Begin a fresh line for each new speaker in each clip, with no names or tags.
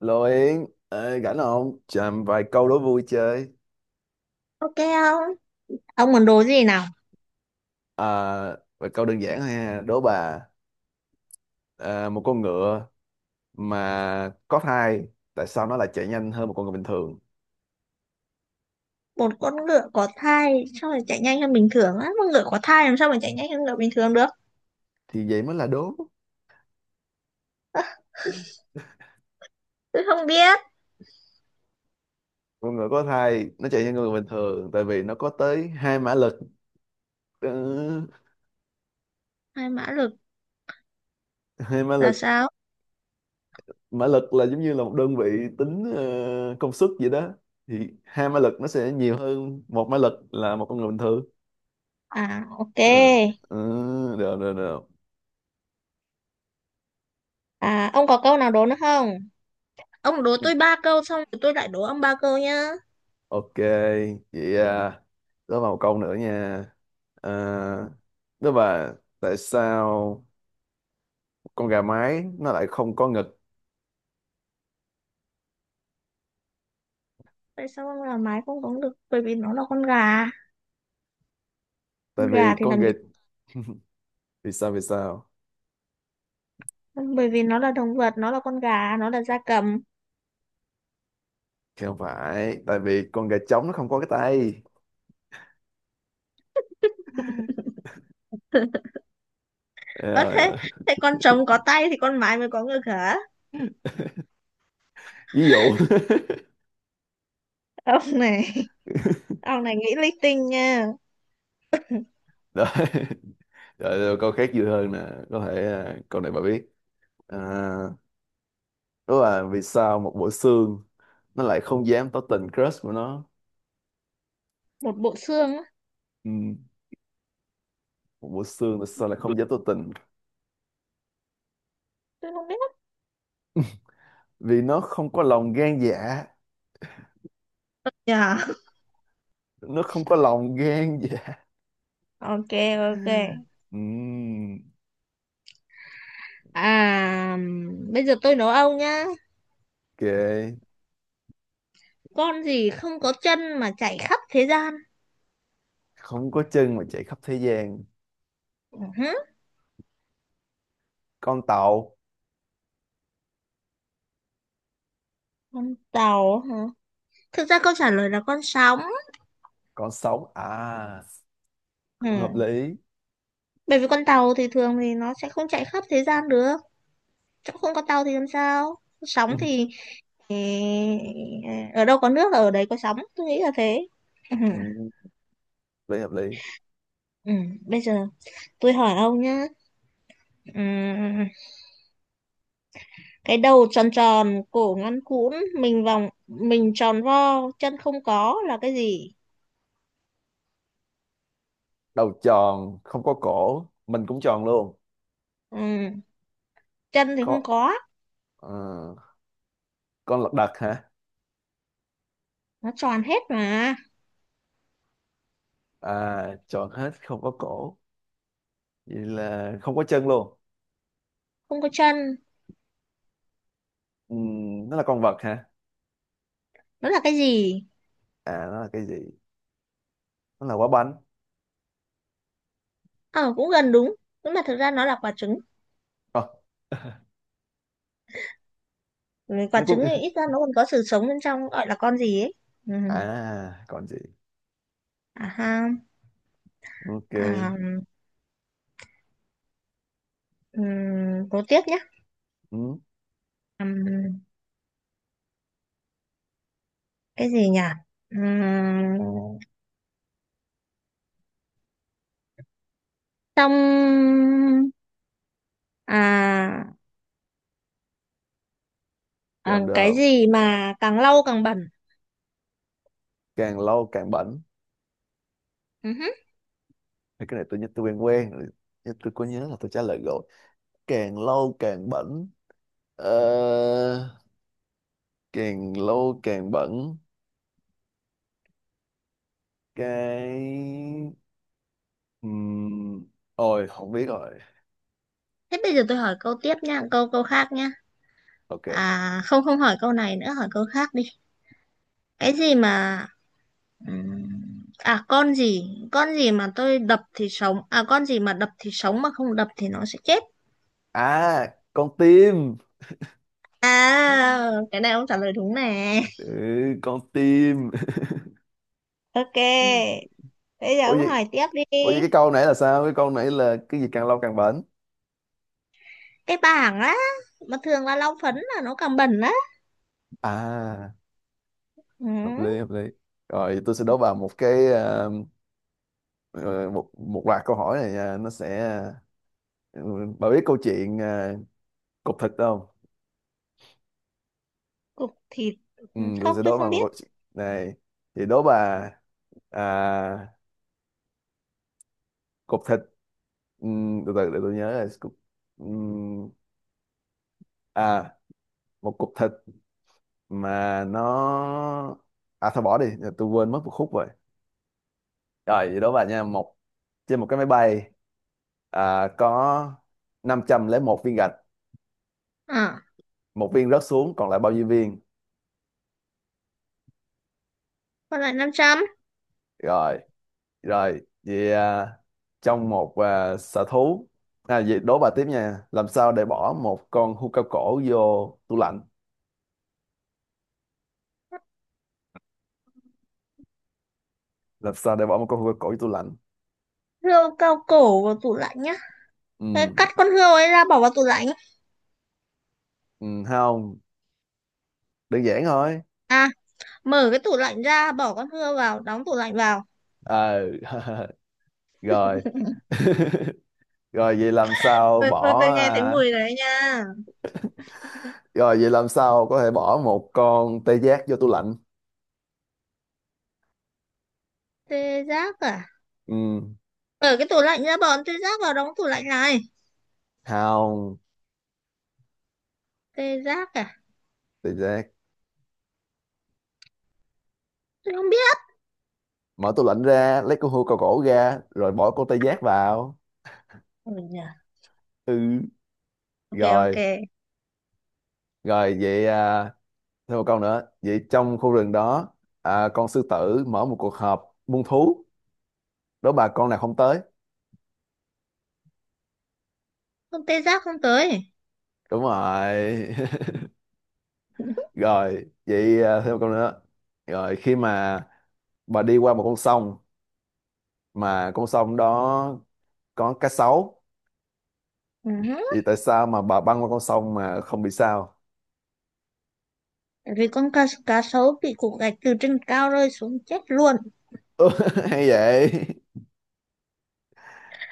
Lô Yến, ê, rảnh không? Chờ vài câu đố vui chơi.
Ok không? Ông muốn đố gì nào?
À, vài câu đơn giản thôi ha. Đố bà, một con ngựa mà có thai, tại sao nó lại chạy nhanh hơn một con ngựa bình thường?
Một con ngựa có thai sao mà chạy nhanh hơn bình thường á? Con ngựa có thai làm sao mà chạy nhanh hơn ngựa bình thường được?
Thì vậy mới là đố.
Tôi không biết.
Con ngựa có thai, nó chạy nhanh hơn người bình thường, tại vì nó có tới 2 mã lực. Ừ,
2 mã lực
hai mã
là
lực,
sao?
mã lực là giống như là một đơn vị tính công suất vậy đó. Thì 2 mã lực nó sẽ nhiều hơn 1 mã lực là một con người bình thường.
À ok.
Ừ, ừ, được, được, được.
À ông có câu nào đố nữa không? Ông đố tôi ba câu xong rồi tôi lại đố ông ba câu nhá.
Ok, vậy đó vào một câu nữa nha. À, đó là tại sao con gà mái nó lại không có ngực?
Tại sao ông là mái không có được? Bởi vì nó là con gà. Con
Tại vì
gà thì
con
làm
gà,
gì?
vì sao, vì sao?
Bởi vì nó là động vật, nó là con gà, nó là gia cầm.
Thì không phải, tại vì con gà trống nó không có cái tay.
Ơ
Rồi,
thế, thế con trống có tay thì con mái mới có ngực hả?
ví dụ.
Ông này, ông này nghĩ linh tinh nha.
Rồi, rồi, rồi câu khác vui hơn nè, có thể câu này bà biết. À, đó là vì sao một bộ xương nó lại không dám tỏ tình crush của nó?
Một bộ xương á.
Ừ, một bộ xương tại sao lại không dám tỏ tình,
Tôi không biết.
vì nó không có lòng gan dạ,
Dạ.
nó không có lòng gan dạ.
Ok. Ok.
Ừm,
À, bây giờ tôi nấu ông nhá.
ok,
Con gì không có chân mà chạy khắp thế gian?
không có chân mà chạy khắp thế gian.
Ừ hứ,
Con tàu.
con tàu hả? Thực ra câu trả lời là con sóng.
Con sóng à, cũng hợp
Ừ.
lý.
Bởi vì con tàu thì thường thì nó sẽ không chạy khắp thế gian được, chỗ không có tàu thì làm sao. Sóng
Ừm,
thì, ở đâu có nước là ở đấy có sóng, tôi nghĩ là thế. Ừ.
ừm, lý hợp lý.
Ừ. Bây giờ tôi hỏi ông nhá. Ừ. Cái đầu tròn tròn, cổ ngắn cũn, mình vòng mình tròn vo, chân không có, là cái gì?
Đầu tròn không có cổ, mình cũng tròn luôn,
Ừ. Chân thì không
có
có.
ờ, con lật đật hả?
Nó tròn hết mà.
À, tròn hết không có cổ, vậy là không có chân luôn.
Không có chân.
Nó là con vật hả?
Nó là cái gì?
À, nó là cái gì? Nó là quả bánh.
Ờ à, cũng gần đúng. Nhưng mà thực ra nó là quả trứng.
Ờ,
Ừ, quả
nó cũng,
trứng thì ít ra nó còn có sự sống bên trong, gọi là con gì ấy. Ừ.
còn gì?
À ha.
Ok.
À. Ừ. Cố tiếp nhé.
Ừ.
Ừm, cái gì nhỉ? Ừm, trong à, à
Được,
cái
được,
gì mà càng lâu càng bẩn?
càng lâu càng bẩn.
Ừ hứ.
Thì cái này tôi nhớ, tôi quen quen rồi. Nhưng tôi có nhớ là tôi trả lời rồi, càng lâu càng bẩn, ờ, càng lâu càng bẩn, cái Ừm, ôi không biết rồi.
Thế bây giờ tôi hỏi câu tiếp nha, câu câu khác nha.
Ok.
À không, không hỏi câu này nữa, hỏi câu khác đi. Cái gì mà ừm, à con gì mà tôi đập thì sống, con gì mà đập thì sống mà không đập thì nó sẽ chết.
À, con tim.
À cái này ông trả lời đúng nè.
Ừ, con tim.
Ok. Bây giờ
Ủa
ông
vậy,
hỏi tiếp đi.
cái câu nãy là sao, cái câu nãy là cái gì càng lâu càng bẩn?
Cái bảng á, mà thường là lau phấn là nó càng bẩn á.
À,
Ừ,
hợp lý, hợp lý. Rồi, tôi sẽ đố bà một cái, ờ, một một loạt câu hỏi này, nó sẽ, ừ, bà biết câu chuyện, cục thịt không?
cục thịt.
Ừ,
Ừ.
tôi
Không,
sẽ
tôi
đố bà
không
một
biết.
câu chuyện này. Thì đố bà, à, cục thịt, ừ, từ từ để tôi nhớ là cục, ừ, à một cục thịt mà nó, thôi bỏ đi, tôi quên mất một khúc rồi. Rồi thì đố bà nha, trên một cái máy bay có 501 viên gạch,
À,
một viên rớt xuống còn lại bao nhiêu viên?
còn lại 500.
Rồi. Rồi, vậy trong một, sở thú, à vậy đố bà tiếp nha. Làm sao để bỏ một con hươu cao cổ vô tủ lạnh? Làm sao để bỏ một con hươu cao cổ vô tủ lạnh?
Rượu cao cổ vào tủ lạnh nhá. Thế
Ừ,
cắt con hươu ấy ra bỏ vào tủ lạnh.
ừ không, đơn giản thôi.
À, mở cái tủ lạnh ra, bỏ con hươu vào, đóng tủ lạnh vào.
Ờ, rồi. Rồi vậy làm sao
Tôi, tôi,
bỏ,
tôi nghe thấy
à,
mùi đấy nha.
rồi vậy làm sao có thể bỏ một con tê giác vô tủ lạnh?
Tê giác à?
Ừ,
Mở cái tủ lạnh ra, bỏ tê giác vào, đóng tủ lạnh lại.
không,
Tê giác à?
tê giác.
Tôi không biết.
Mở tủ lạnh ra, lấy con hươu cao cổ ra rồi bỏ con tê giác vào.
Ừ.
Ừ,
Ok.
rồi.
Ok.
Rồi vậy thêm một câu nữa. Vậy trong khu rừng đó, con sư tử mở một cuộc họp muôn thú. Đố bà con nào không tới.
Con tê giác không tới.
Đúng rồi. Rồi vậy thêm một câu nữa. Rồi khi mà bà đi qua một con sông mà con sông đó có cá sấu,
Ừ,
thì tại sao mà bà băng qua con sông mà không bị sao?
vì cá sấu bị cục gạch từ trên cao rơi xuống chết luôn.
Hay vậy?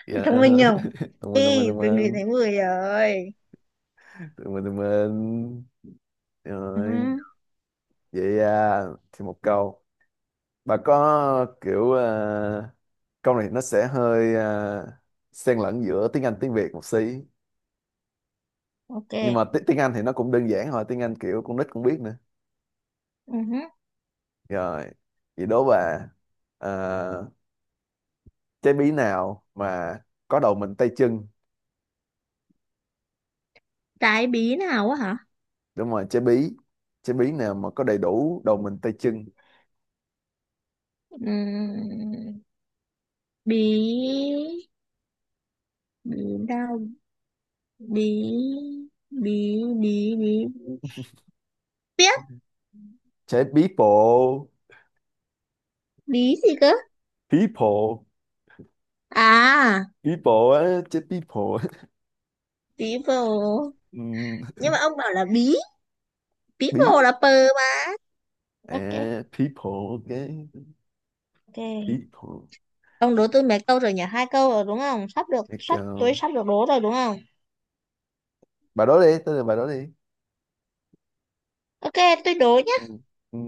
Dạ.
Thông minh nhỉ?
Thông minh, thông minh,
Ê,
thông
tôi ngửi
minh,
thấy mùi rồi.
thông minh, thông minh.
Ừ.
Rồi vậy thêm một câu. Bà có kiểu câu này nó sẽ hơi xen lẫn giữa tiếng Anh tiếng Việt một xí, nhưng mà
Ok.
tiếng Anh thì nó cũng đơn giản thôi, tiếng Anh kiểu con nít cũng biết nữa.
Ừ,
Rồi vậy đố bà, ờ, trái bí nào mà có đầu mình tay chân?
trái bí nào á hả?
Đúng rồi, trái bí, trái bí nào mà có đầy đủ đầu mình tay chân?
Ừ. Bí, bí, đau, bí, bí, bí, bí, biết,
Trái people.
bí gì cơ?
People,
À,
people á, trái people.
bí bồ.
Ừm,
Nhưng mà ông bảo là bí. Bí
bí
bồ là pờ mà. Ok.
à, people ok.
Ok.
People.
Ông đố tôi mấy câu rồi nhỉ? Hai câu rồi đúng không? Sắp được,
Let
sắp, tôi
go.
sắp được đố rồi đúng không?
Bà đố đi, tôi là bà đố đi.
Ok, tôi đố nhé.
Ừ. Ừ.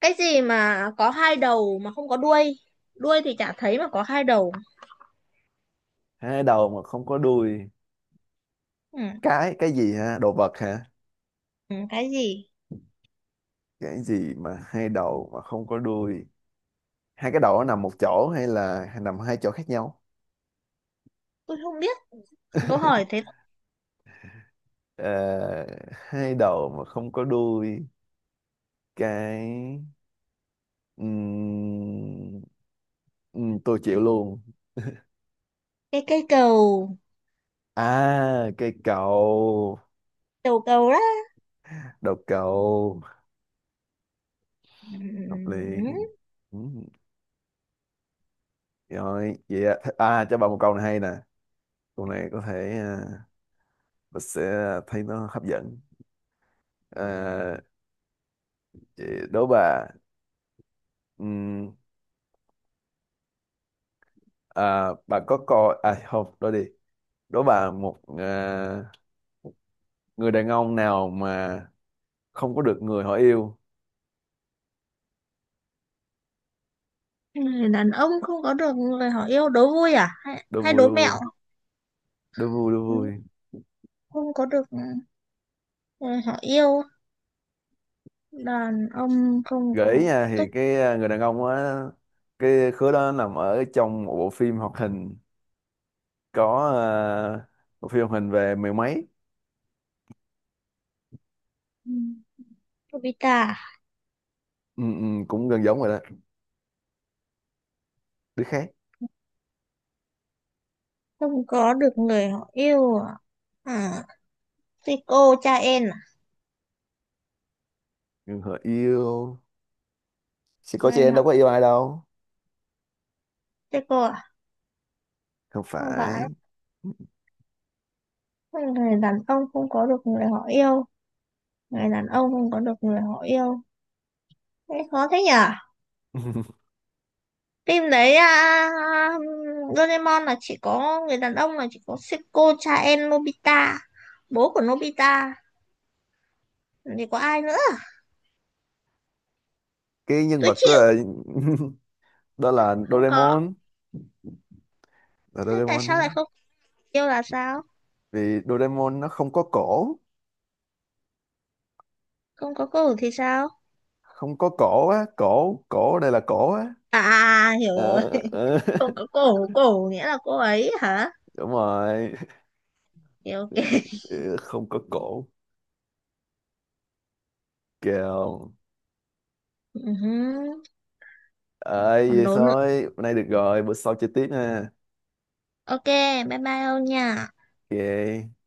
Cái gì mà có hai đầu mà không có đuôi? Đuôi thì chả thấy mà có hai đầu.
Hai đầu mà không có đuôi,
Ừ.
cái, gì ha, đồ vật hả?
Ừ, cái gì?
Cái gì mà hai đầu mà không có đuôi? Hai cái đầu nó nằm một chỗ hay là nằm hai chỗ khác nhau?
Tôi không biết. Câu hỏi thế.
Ờ, hai đầu mà không có đuôi, cái Ừm, tôi chịu luôn.
Cái cây cầu.
À, cây cầu.
Đầu cầu đó.
Đầu cầu. Hợp
Ừ,
lý. Ừm, rồi vậy ạ. À, cho bà một câu này hay nè. Câu này có thể, và sẽ thấy nó hấp dẫn. à, chị đố bà, ừm, bà có coi không? Đố đi. Đố bà một, người đàn ông nào mà không có được người họ yêu?
người đàn ông không có được người họ yêu. Đố vui à, hay,
Đố
hay
vui,
đố
đố
mẹo?
vui, đố vui, đố
Ừ,
vui.
không có được người họ yêu. Đàn ông không
Gợi ý
có
nha,
tức.
thì cái, người đàn ông á, cái khứa đó nằm ở trong một bộ phim hoạt hình. Có, à, bộ phim hoạt hình về mười mấy.
Ừ, Nobita.
Ừ, ừ, cũng gần giống rồi đó. Đứa khác.
Không có được người họ yêu à? À, Seiko cha em à?
Người họ yêu, chỉ có
Người
chị em
họ.
đâu có yêu ai đâu.
Seiko à?
Không
Không
phải.
phải. Người đàn ông không có được người họ yêu. Người đàn ông không có được người họ yêu. Thế khó thế nhỉ. Phim đấy à, Doraemon là chỉ có người đàn ông, là chỉ có Seiko cha em Nobita, bố của Nobita, thì có ai nữa?
Cái nhân
Tôi
vật đó
chịu.
là, đó là
Không có.
Doraemon. Là
Thế tại
Doraemon
sao
á.
lại không? Yêu là sao?
Vì Doraemon nó không có cổ.
Không có cổ thì sao?
Không có cổ á, cổ cổ đây là cổ á.
À à, à, hiểu
Ờ,
rồi.
ờ,
Không có cổ. Cổ nghĩa là cô ấy hả?
đúng rồi.
Ok, ok.
Ừ, không có cổ. Kèo.
Ừ hứ,
Ơi
còn
vậy
đố nữa.
thôi, hôm nay được rồi, bữa sau chơi tiếp ha.
Ok. Bye bye ông nha.
Ok.